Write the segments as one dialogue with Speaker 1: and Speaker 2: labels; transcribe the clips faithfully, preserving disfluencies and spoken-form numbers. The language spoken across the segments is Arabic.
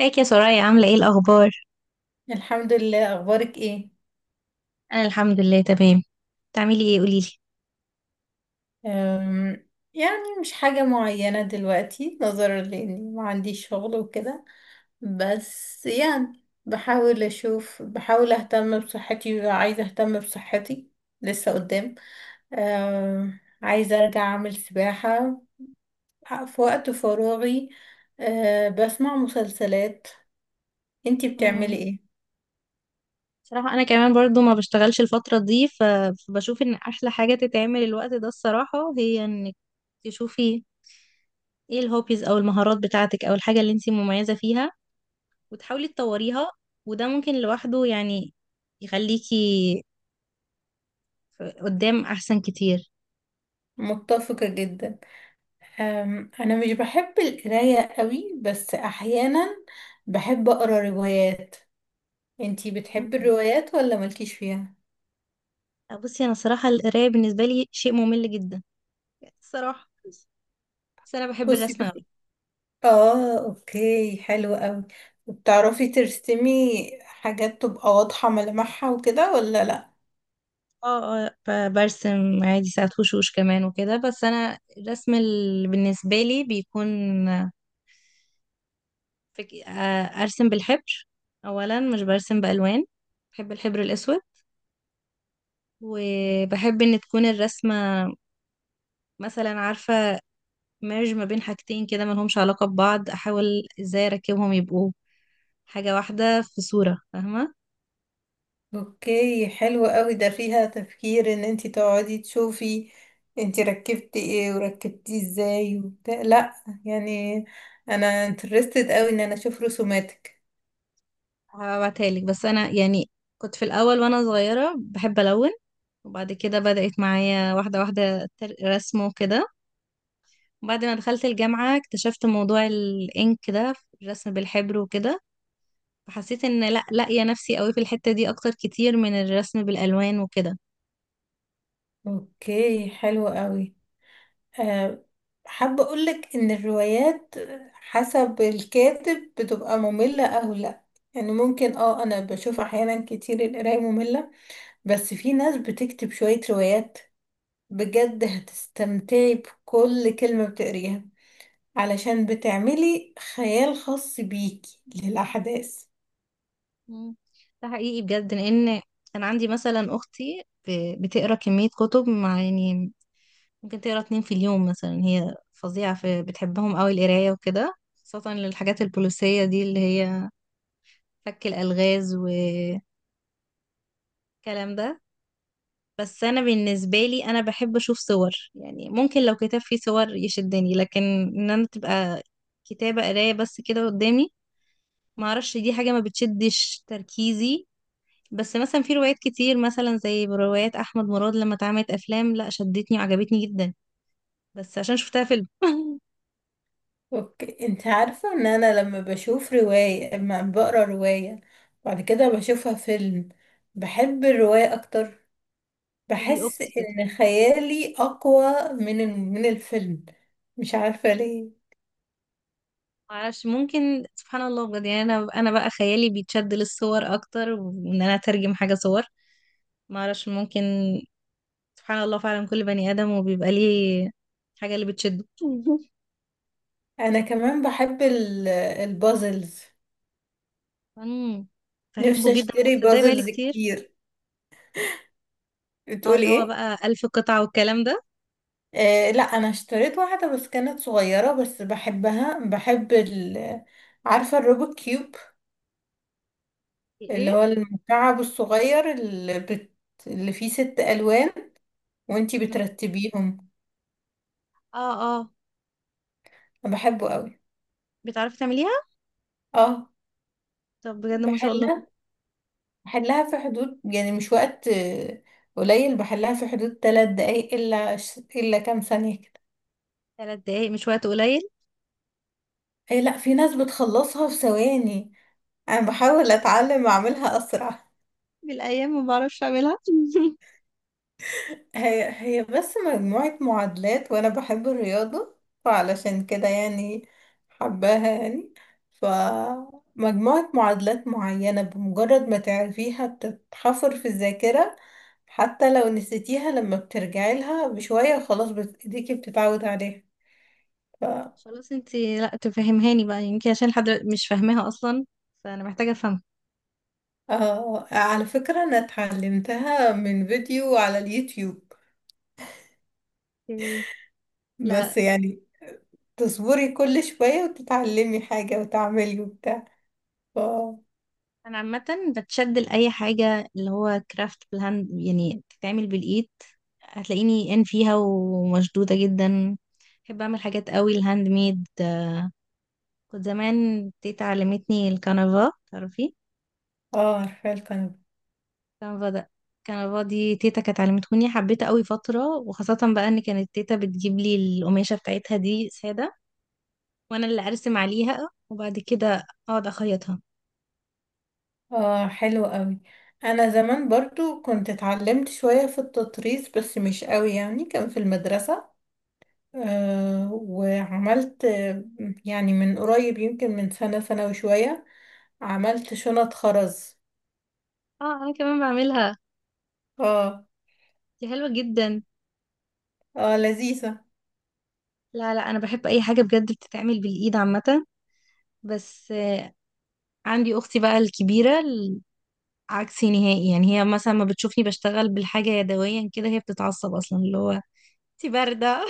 Speaker 1: ازيك يا سرايا، عاملة ايه الأخبار؟
Speaker 2: الحمد لله. اخبارك ايه؟
Speaker 1: أنا الحمد لله تمام. بتعملي ايه قوليلي.
Speaker 2: أم، يعني مش حاجة معينة دلوقتي، نظرا لاني ما عنديش شغل وكده. بس يعني بحاول اشوف بحاول اهتم بصحتي وعايزة اهتم بصحتي. لسه قدام. أم، عايزة ارجع اعمل سباحة في وقت فراغي. أه، بسمع مسلسلات. انتي
Speaker 1: مم.
Speaker 2: بتعملي ايه؟
Speaker 1: صراحة أنا كمان برضو ما بشتغلش الفترة دي، ف- فبشوف إن أحلى حاجة تتعمل الوقت ده الصراحة هي إنك تشوفي ايه الهوبيز أو المهارات بتاعتك أو الحاجة اللي انتي مميزة فيها، وتحاولي تطوريها. وده ممكن لوحده يعني يخليكي ف- قدام أحسن كتير.
Speaker 2: متفقة جدا. أم، انا مش بحب القرايه قوي، بس احيانا بحب اقرا روايات. انتي بتحبي
Speaker 1: مم.
Speaker 2: الروايات ولا مالكيش فيها؟
Speaker 1: بصي أنا صراحة القراية بالنسبة لي شيء ممل جدا الصراحة، بس أنا بحب
Speaker 2: بصي
Speaker 1: الرسم
Speaker 2: بس.
Speaker 1: أوي.
Speaker 2: اه، اوكي، حلو قوي. وبتعرفي ترسمي حاجات تبقى واضحه ملامحها وكده ولا لا؟
Speaker 1: اه اه، ب- برسم عادي ساعات وشوش كمان وكده، بس انا الرسم اللي بالنسبه لي بيكون فك... آه، ارسم بالحبر. اولا مش برسم بالوان، بحب الحبر الاسود، وبحب ان تكون الرسمه مثلا، عارفه، ميرج ما بين حاجتين كده ما لهمش علاقه ببعض، احاول ازاي اركبهم يبقوا حاجه واحده في صوره، فاهمه.
Speaker 2: اوكي، حلو قوي. ده فيها تفكير ان انتي تقعدي تشوفي انتي ركبتي ايه وركبتيه ازاي وبتاع، لا يعني. انا انترستد قوي ان انا اشوف رسوماتك.
Speaker 1: هبعتها لك، بس انا يعني كنت في الاول وانا صغيره بحب الون، وبعد كده بدأت معايا واحدة واحدة تر- رسمه كده. بعد ما دخلت الجامعة اكتشفت موضوع الإنك ده، الرسم بالحبر وكده، فحسيت إن لأ، لاقية نفسي قوي في الحتة دي أكتر كتير من الرسم بالألوان وكده.
Speaker 2: اوكي، حلو قوي. أه حابة اقولك ان الروايات حسب الكاتب بتبقى مملة او لا. يعني ممكن، اه انا بشوف احيانا كتير القراية مملة. بس في ناس بتكتب شوية روايات بجد هتستمتعي بكل كلمة بتقريها، علشان بتعملي خيال خاص بيكي للأحداث.
Speaker 1: مم. ده حقيقي بجد، لأن كان عندي مثلا أختي ب- بتقرا كمية كتب، مع يعني ممكن تقرا اتنين في اليوم مثلا. هي فظيعة في بتحبهم قوي القراية وكده، خاصة للحاجات البوليسية دي اللي هي فك الألغاز والكلام ده. بس انا بالنسبه لي انا بحب اشوف صور، يعني ممكن لو كتاب فيه صور يشدني، لكن ان انا تبقى كتابه قرايه بس كده قدامي، ما اعرفش، دي حاجه ما بتشدش تركيزي. بس مثلا في روايات كتير، مثلا زي روايات احمد مراد لما اتعملت افلام، لا شدتني وعجبتني جدا، بس عشان شفتها فيلم.
Speaker 2: اوكي، انت عارفة ان انا لما بشوف رواية لما بقرا رواية بعد كده بشوفها فيلم، بحب الرواية اكتر.
Speaker 1: دي
Speaker 2: بحس
Speaker 1: اختي كده.
Speaker 2: ان خيالي اقوى من ال- من الفيلم. مش عارفة ليه.
Speaker 1: معرفش، ممكن سبحان الله بجد، يعني انا انا بقى خيالي بيتشد للصور اكتر، وان انا اترجم حاجه صور. معرفش، ممكن سبحان الله فعلا كل بني آدم وبيبقى ليه حاجة اللي بتشده.
Speaker 2: انا كمان بحب ال- البازلز.
Speaker 1: امم فيحبه
Speaker 2: نفسي
Speaker 1: جدا
Speaker 2: اشتري
Speaker 1: بس ده بقالي
Speaker 2: بازلز
Speaker 1: كتير.
Speaker 2: كتير.
Speaker 1: اه،
Speaker 2: بتقولي
Speaker 1: اللي هو
Speaker 2: ايه؟
Speaker 1: بقى ألف قطعة والكلام ده.
Speaker 2: آه لا، انا اشتريت واحدة بس كانت صغيرة، بس بحبها. بحب ال عارفة الروبوت كيوب؟ اللي هو
Speaker 1: الايه؟
Speaker 2: المكعب الصغير اللي, بت... اللي فيه ست ألوان وانتي بترتبيهم.
Speaker 1: اه اه.
Speaker 2: أنا بحبه قوي.
Speaker 1: بتعرفي تعمليها؟
Speaker 2: اه.
Speaker 1: طب بجد ما شاء الله.
Speaker 2: بحلها بحلها في حدود، يعني مش وقت آه، قليل، بحلها في حدود ثلاث دقايق إلا ش- إلا كام ثانية كده.
Speaker 1: ثلاث دقايق مش وقت قليل.
Speaker 2: أي لأ، في ناس بتخلصها في ثواني. أنا بحاول أتعلم
Speaker 1: بال-
Speaker 2: أعملها أسرع.
Speaker 1: بالايام ما بعرفش اعملها.
Speaker 2: هي هي بس مجموعة معادلات وأنا بحب الرياضة. فعلشان كده يعني، حباها يعني. فمجموعة معادلات معينة بمجرد ما تعرفيها بتتحفر في الذاكرة. حتى لو نسيتيها لما بترجعي لها بشوية خلاص، بت- ايديكي بتتعود عليها. ف...
Speaker 1: خلاص انتي لا تفهمهاني بقى، يمكن عشان لحد دلوقتي مش فاهماها اصلا، فانا محتاجه افهمها.
Speaker 2: آه على فكرة، أنا اتعلمتها من فيديو على اليوتيوب.
Speaker 1: اوكي.
Speaker 2: بس
Speaker 1: لا،
Speaker 2: يعني، تصبري كل شوية وتتعلمي حاجة وتعملي وبتاع. ف...
Speaker 1: انا عامه بتشد لاي حاجه اللي هو كرافت بالهاند، يعني بتتعمل بالايد، هتلاقيني ان فيها ومشدوده جدا. بحب اعمل حاجات قوي الهاند ميد. كنت زمان تيتا علمتني الكنفا، تعرفي
Speaker 2: اه، عارفة الكنبة.
Speaker 1: الكنفا ده؟ الكنفا دي تيتا كانت علمتهوني، حبيتها قوي فتره، وخاصه بقى ان كانت تيتا بتجيب لي القماشه بتاعتها دي ساده، وانا اللي ارسم عليها، وبعد كده اقعد اخيطها.
Speaker 2: اه، حلو قوي. انا زمان برضو كنت اتعلمت شوية في التطريز، بس مش قوي يعني. كان في المدرسة. آه وعملت، آه، يعني من قريب، يمكن من سنة، سنة وشوية، عملت شنط خرز.
Speaker 1: اه انا كمان بعملها.
Speaker 2: اه،
Speaker 1: دي حلوه جدا.
Speaker 2: اه، لذيذة.
Speaker 1: لا لا، انا بحب اي حاجه بجد بتتعمل بالايد عامه. بس آه، عندي اختي بقى الكبيره ال- عكسي نهائي، يعني هي مثلا ما بتشوفني بشتغل بالحاجه يدويا كده، هي بتتعصب اصلا، اللي هو انت بارده.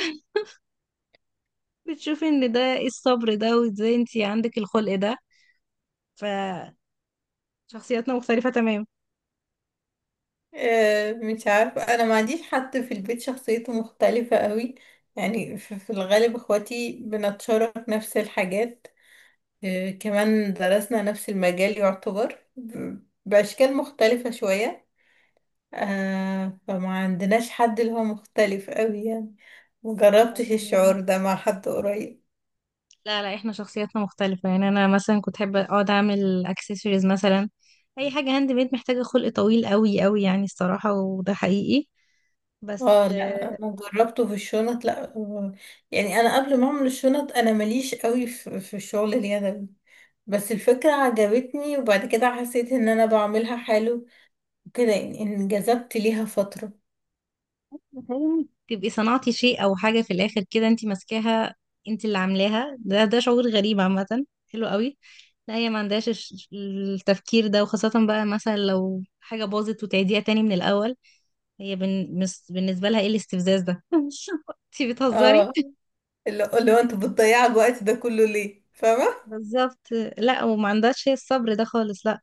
Speaker 1: بتشوفي ان ده ايه الصبر ده، وازاي انت عندك الخلق ده. فشخصياتنا مختلفه تمام.
Speaker 2: آه مش عارفة، انا ما عنديش حد في البيت شخصيته مختلفة قوي. يعني في في الغالب، اخواتي بنتشارك نفس الحاجات. آه، كمان درسنا نفس المجال يعتبر ب- بأشكال مختلفة شوية. آه فما عندناش حد اللي هو مختلف قوي يعني. مجربتش
Speaker 1: لكن-
Speaker 2: الشعور ده مع حد قريب.
Speaker 1: لا لا، احنا شخصياتنا مختلفه، يعني انا مثلا كنت احب اقعد اعمل اكسسوارز مثلا. اي حاجه هاند ميد محتاجه خلق طويل قوي قوي، يعني الصراحه، وده حقيقي.
Speaker 2: اه
Speaker 1: بس
Speaker 2: لا، انا جربته في الشنط. لا، آه، يعني انا قبل ما اعمل الشنط، انا ماليش قوي في في الشغل اليدوي. بس الفكرة عجبتني، وبعد كده حسيت ان انا بعملها حلو كده، يعني انجذبت ليها فترة.
Speaker 1: متهيألي تبقي صنعتي شيء او حاجه في الاخر كده، انت ماسكاها، انت اللي عاملاها، ده ده شعور غريب عامه، حلو قوي. لا، هي ما عندهاش الش- التفكير ده، وخاصه بقى مثلا لو حاجه باظت وتعيديها تاني من الاول، هي بن... مس- بالنسبه لها ايه الاستفزاز ده. انت بتهزري.
Speaker 2: اه، اللي اللي هو انت بتضيع الوقت ده كله ليه؟ فاهمة.
Speaker 1: بالظبط. لا، وما عندهاش هي الصبر ده خالص، لا.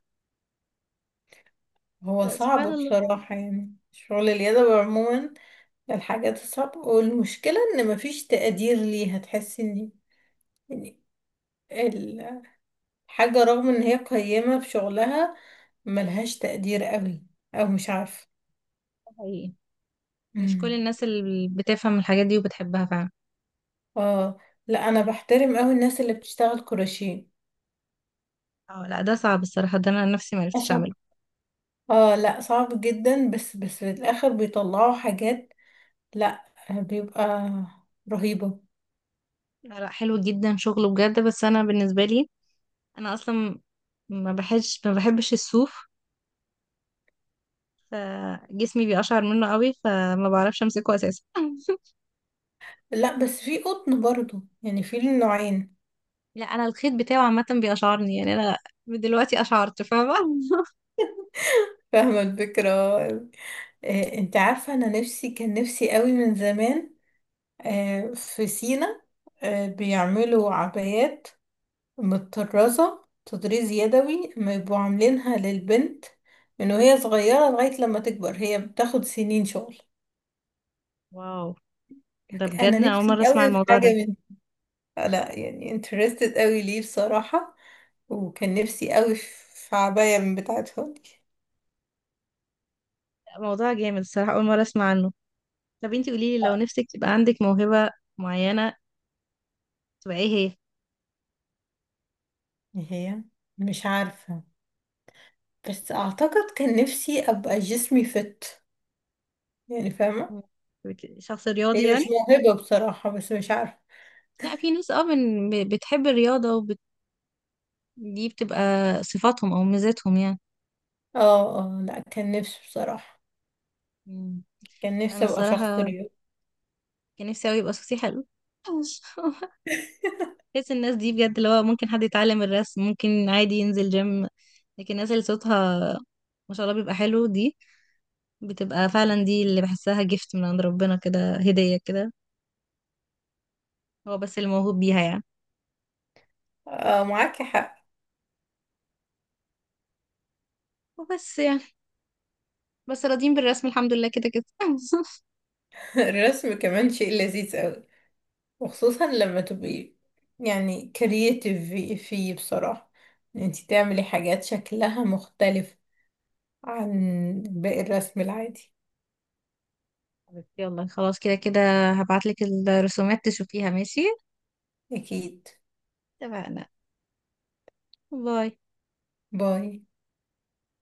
Speaker 2: هو
Speaker 1: سبحان
Speaker 2: صعب
Speaker 1: الله.
Speaker 2: بصراحة يعني، شغل اليد عموما. الحاجات الصعبة، والمشكلة ان مفيش تقدير ليها. تحسي ان يعني الحاجة رغم ان هي قيمة في شغلها، ملهاش تقدير قوي، او مش عارفة.
Speaker 1: ده حقيقي، مش كل
Speaker 2: مم.
Speaker 1: الناس اللي بتفهم الحاجات دي وبتحبها فعلا.
Speaker 2: اه لا، انا بحترم قوي الناس اللي بتشتغل كروشيه.
Speaker 1: اه لا، ده صعب الصراحه، ده انا نفسي ما عرفتش
Speaker 2: اصعب.
Speaker 1: اعمله.
Speaker 2: اه لا، صعب جدا. بس بس في الاخر بيطلعوا حاجات، لا، بيبقى رهيبة.
Speaker 1: لا لا، حلو جدا شغله بجد، بس انا بالنسبه لي، انا اصلا ما بحبش ما بحبش الصوف، فجسمي بيقشعر منه قوي، فما بعرفش امسكه اساسا.
Speaker 2: لا، بس في قطن برضو، يعني في النوعين.
Speaker 1: لا انا الخيط بتاعه عامه بيقشعرني، يعني انا من دلوقتي قشعرت، فاهمه.
Speaker 2: فاهمة الفكرة. آه، انت عارفة، انا نفسي، كان نفسي قوي من زمان. آه، في سينا، آه، بيعملوا عبايات متطرزة تطريز يدوي، ما يبقوا عاملينها للبنت من وهي صغيرة لغاية لما تكبر، هي بتاخد سنين شغل.
Speaker 1: واو، ده بجد
Speaker 2: انا
Speaker 1: أنا اول
Speaker 2: نفسي
Speaker 1: مره اسمع
Speaker 2: قوي في
Speaker 1: الموضوع ده.
Speaker 2: حاجة من، آه، لا يعني، interested قوي ليه بصراحة. وكان نفسي قوي في في عباية من بتاعتهم.
Speaker 1: موضوع جامد الصراحه، اول مره اسمع عنه. طب انتي قولي لي، لو نفسك تبقى عندك موهبه معينه، تبقى ايه هي؟
Speaker 2: هي. مش عارفة. بس اعتقد كان نفسي ابقى جسمي فت، يعني فاهمة.
Speaker 1: بت- شخص رياضي
Speaker 2: هي
Speaker 1: يعني؟
Speaker 2: مش موهبة بصراحة، بس مش عارفة.
Speaker 1: لا في ناس اه من- ب- بتحب الرياضه دي، بتبقى صفاتهم او ميزاتهم يعني.
Speaker 2: اه، اه، لا، كان نفسي بصراحة.
Speaker 1: مم.
Speaker 2: كان
Speaker 1: انا
Speaker 2: نفسي ابقى شخص
Speaker 1: الصراحه
Speaker 2: رياضي.
Speaker 1: كان نفسي قوي يبقى صوتي حلو. بحس الناس دي بجد، اللي هو ممكن حد يتعلم الرسم، ممكن عادي ينزل جيم، لكن الناس اللي صوتها ما شاء الله بيبقى حلو دي، بتبقى فعلا دي اللي بحسها جفت من عند ربنا كده، هديه كده، هو بس اللي موهوب بيها يعني.
Speaker 2: اه، معاكي حق.
Speaker 1: وبس يعني، بس راضيين بالرسم الحمد لله كده كده.
Speaker 2: الرسم كمان شيء لذيذ قوي، وخصوصا لما تبقي يعني كرييتيف في- فيه بصراحة، ان انتي تعملي حاجات شكلها مختلف عن باقي الرسم العادي.
Speaker 1: حبيبتي، يلا خلاص كده كده، هبعتلك الرسومات تشوفيها، ماشي؟
Speaker 2: اكيد.
Speaker 1: اتفقنا. باي.
Speaker 2: باي.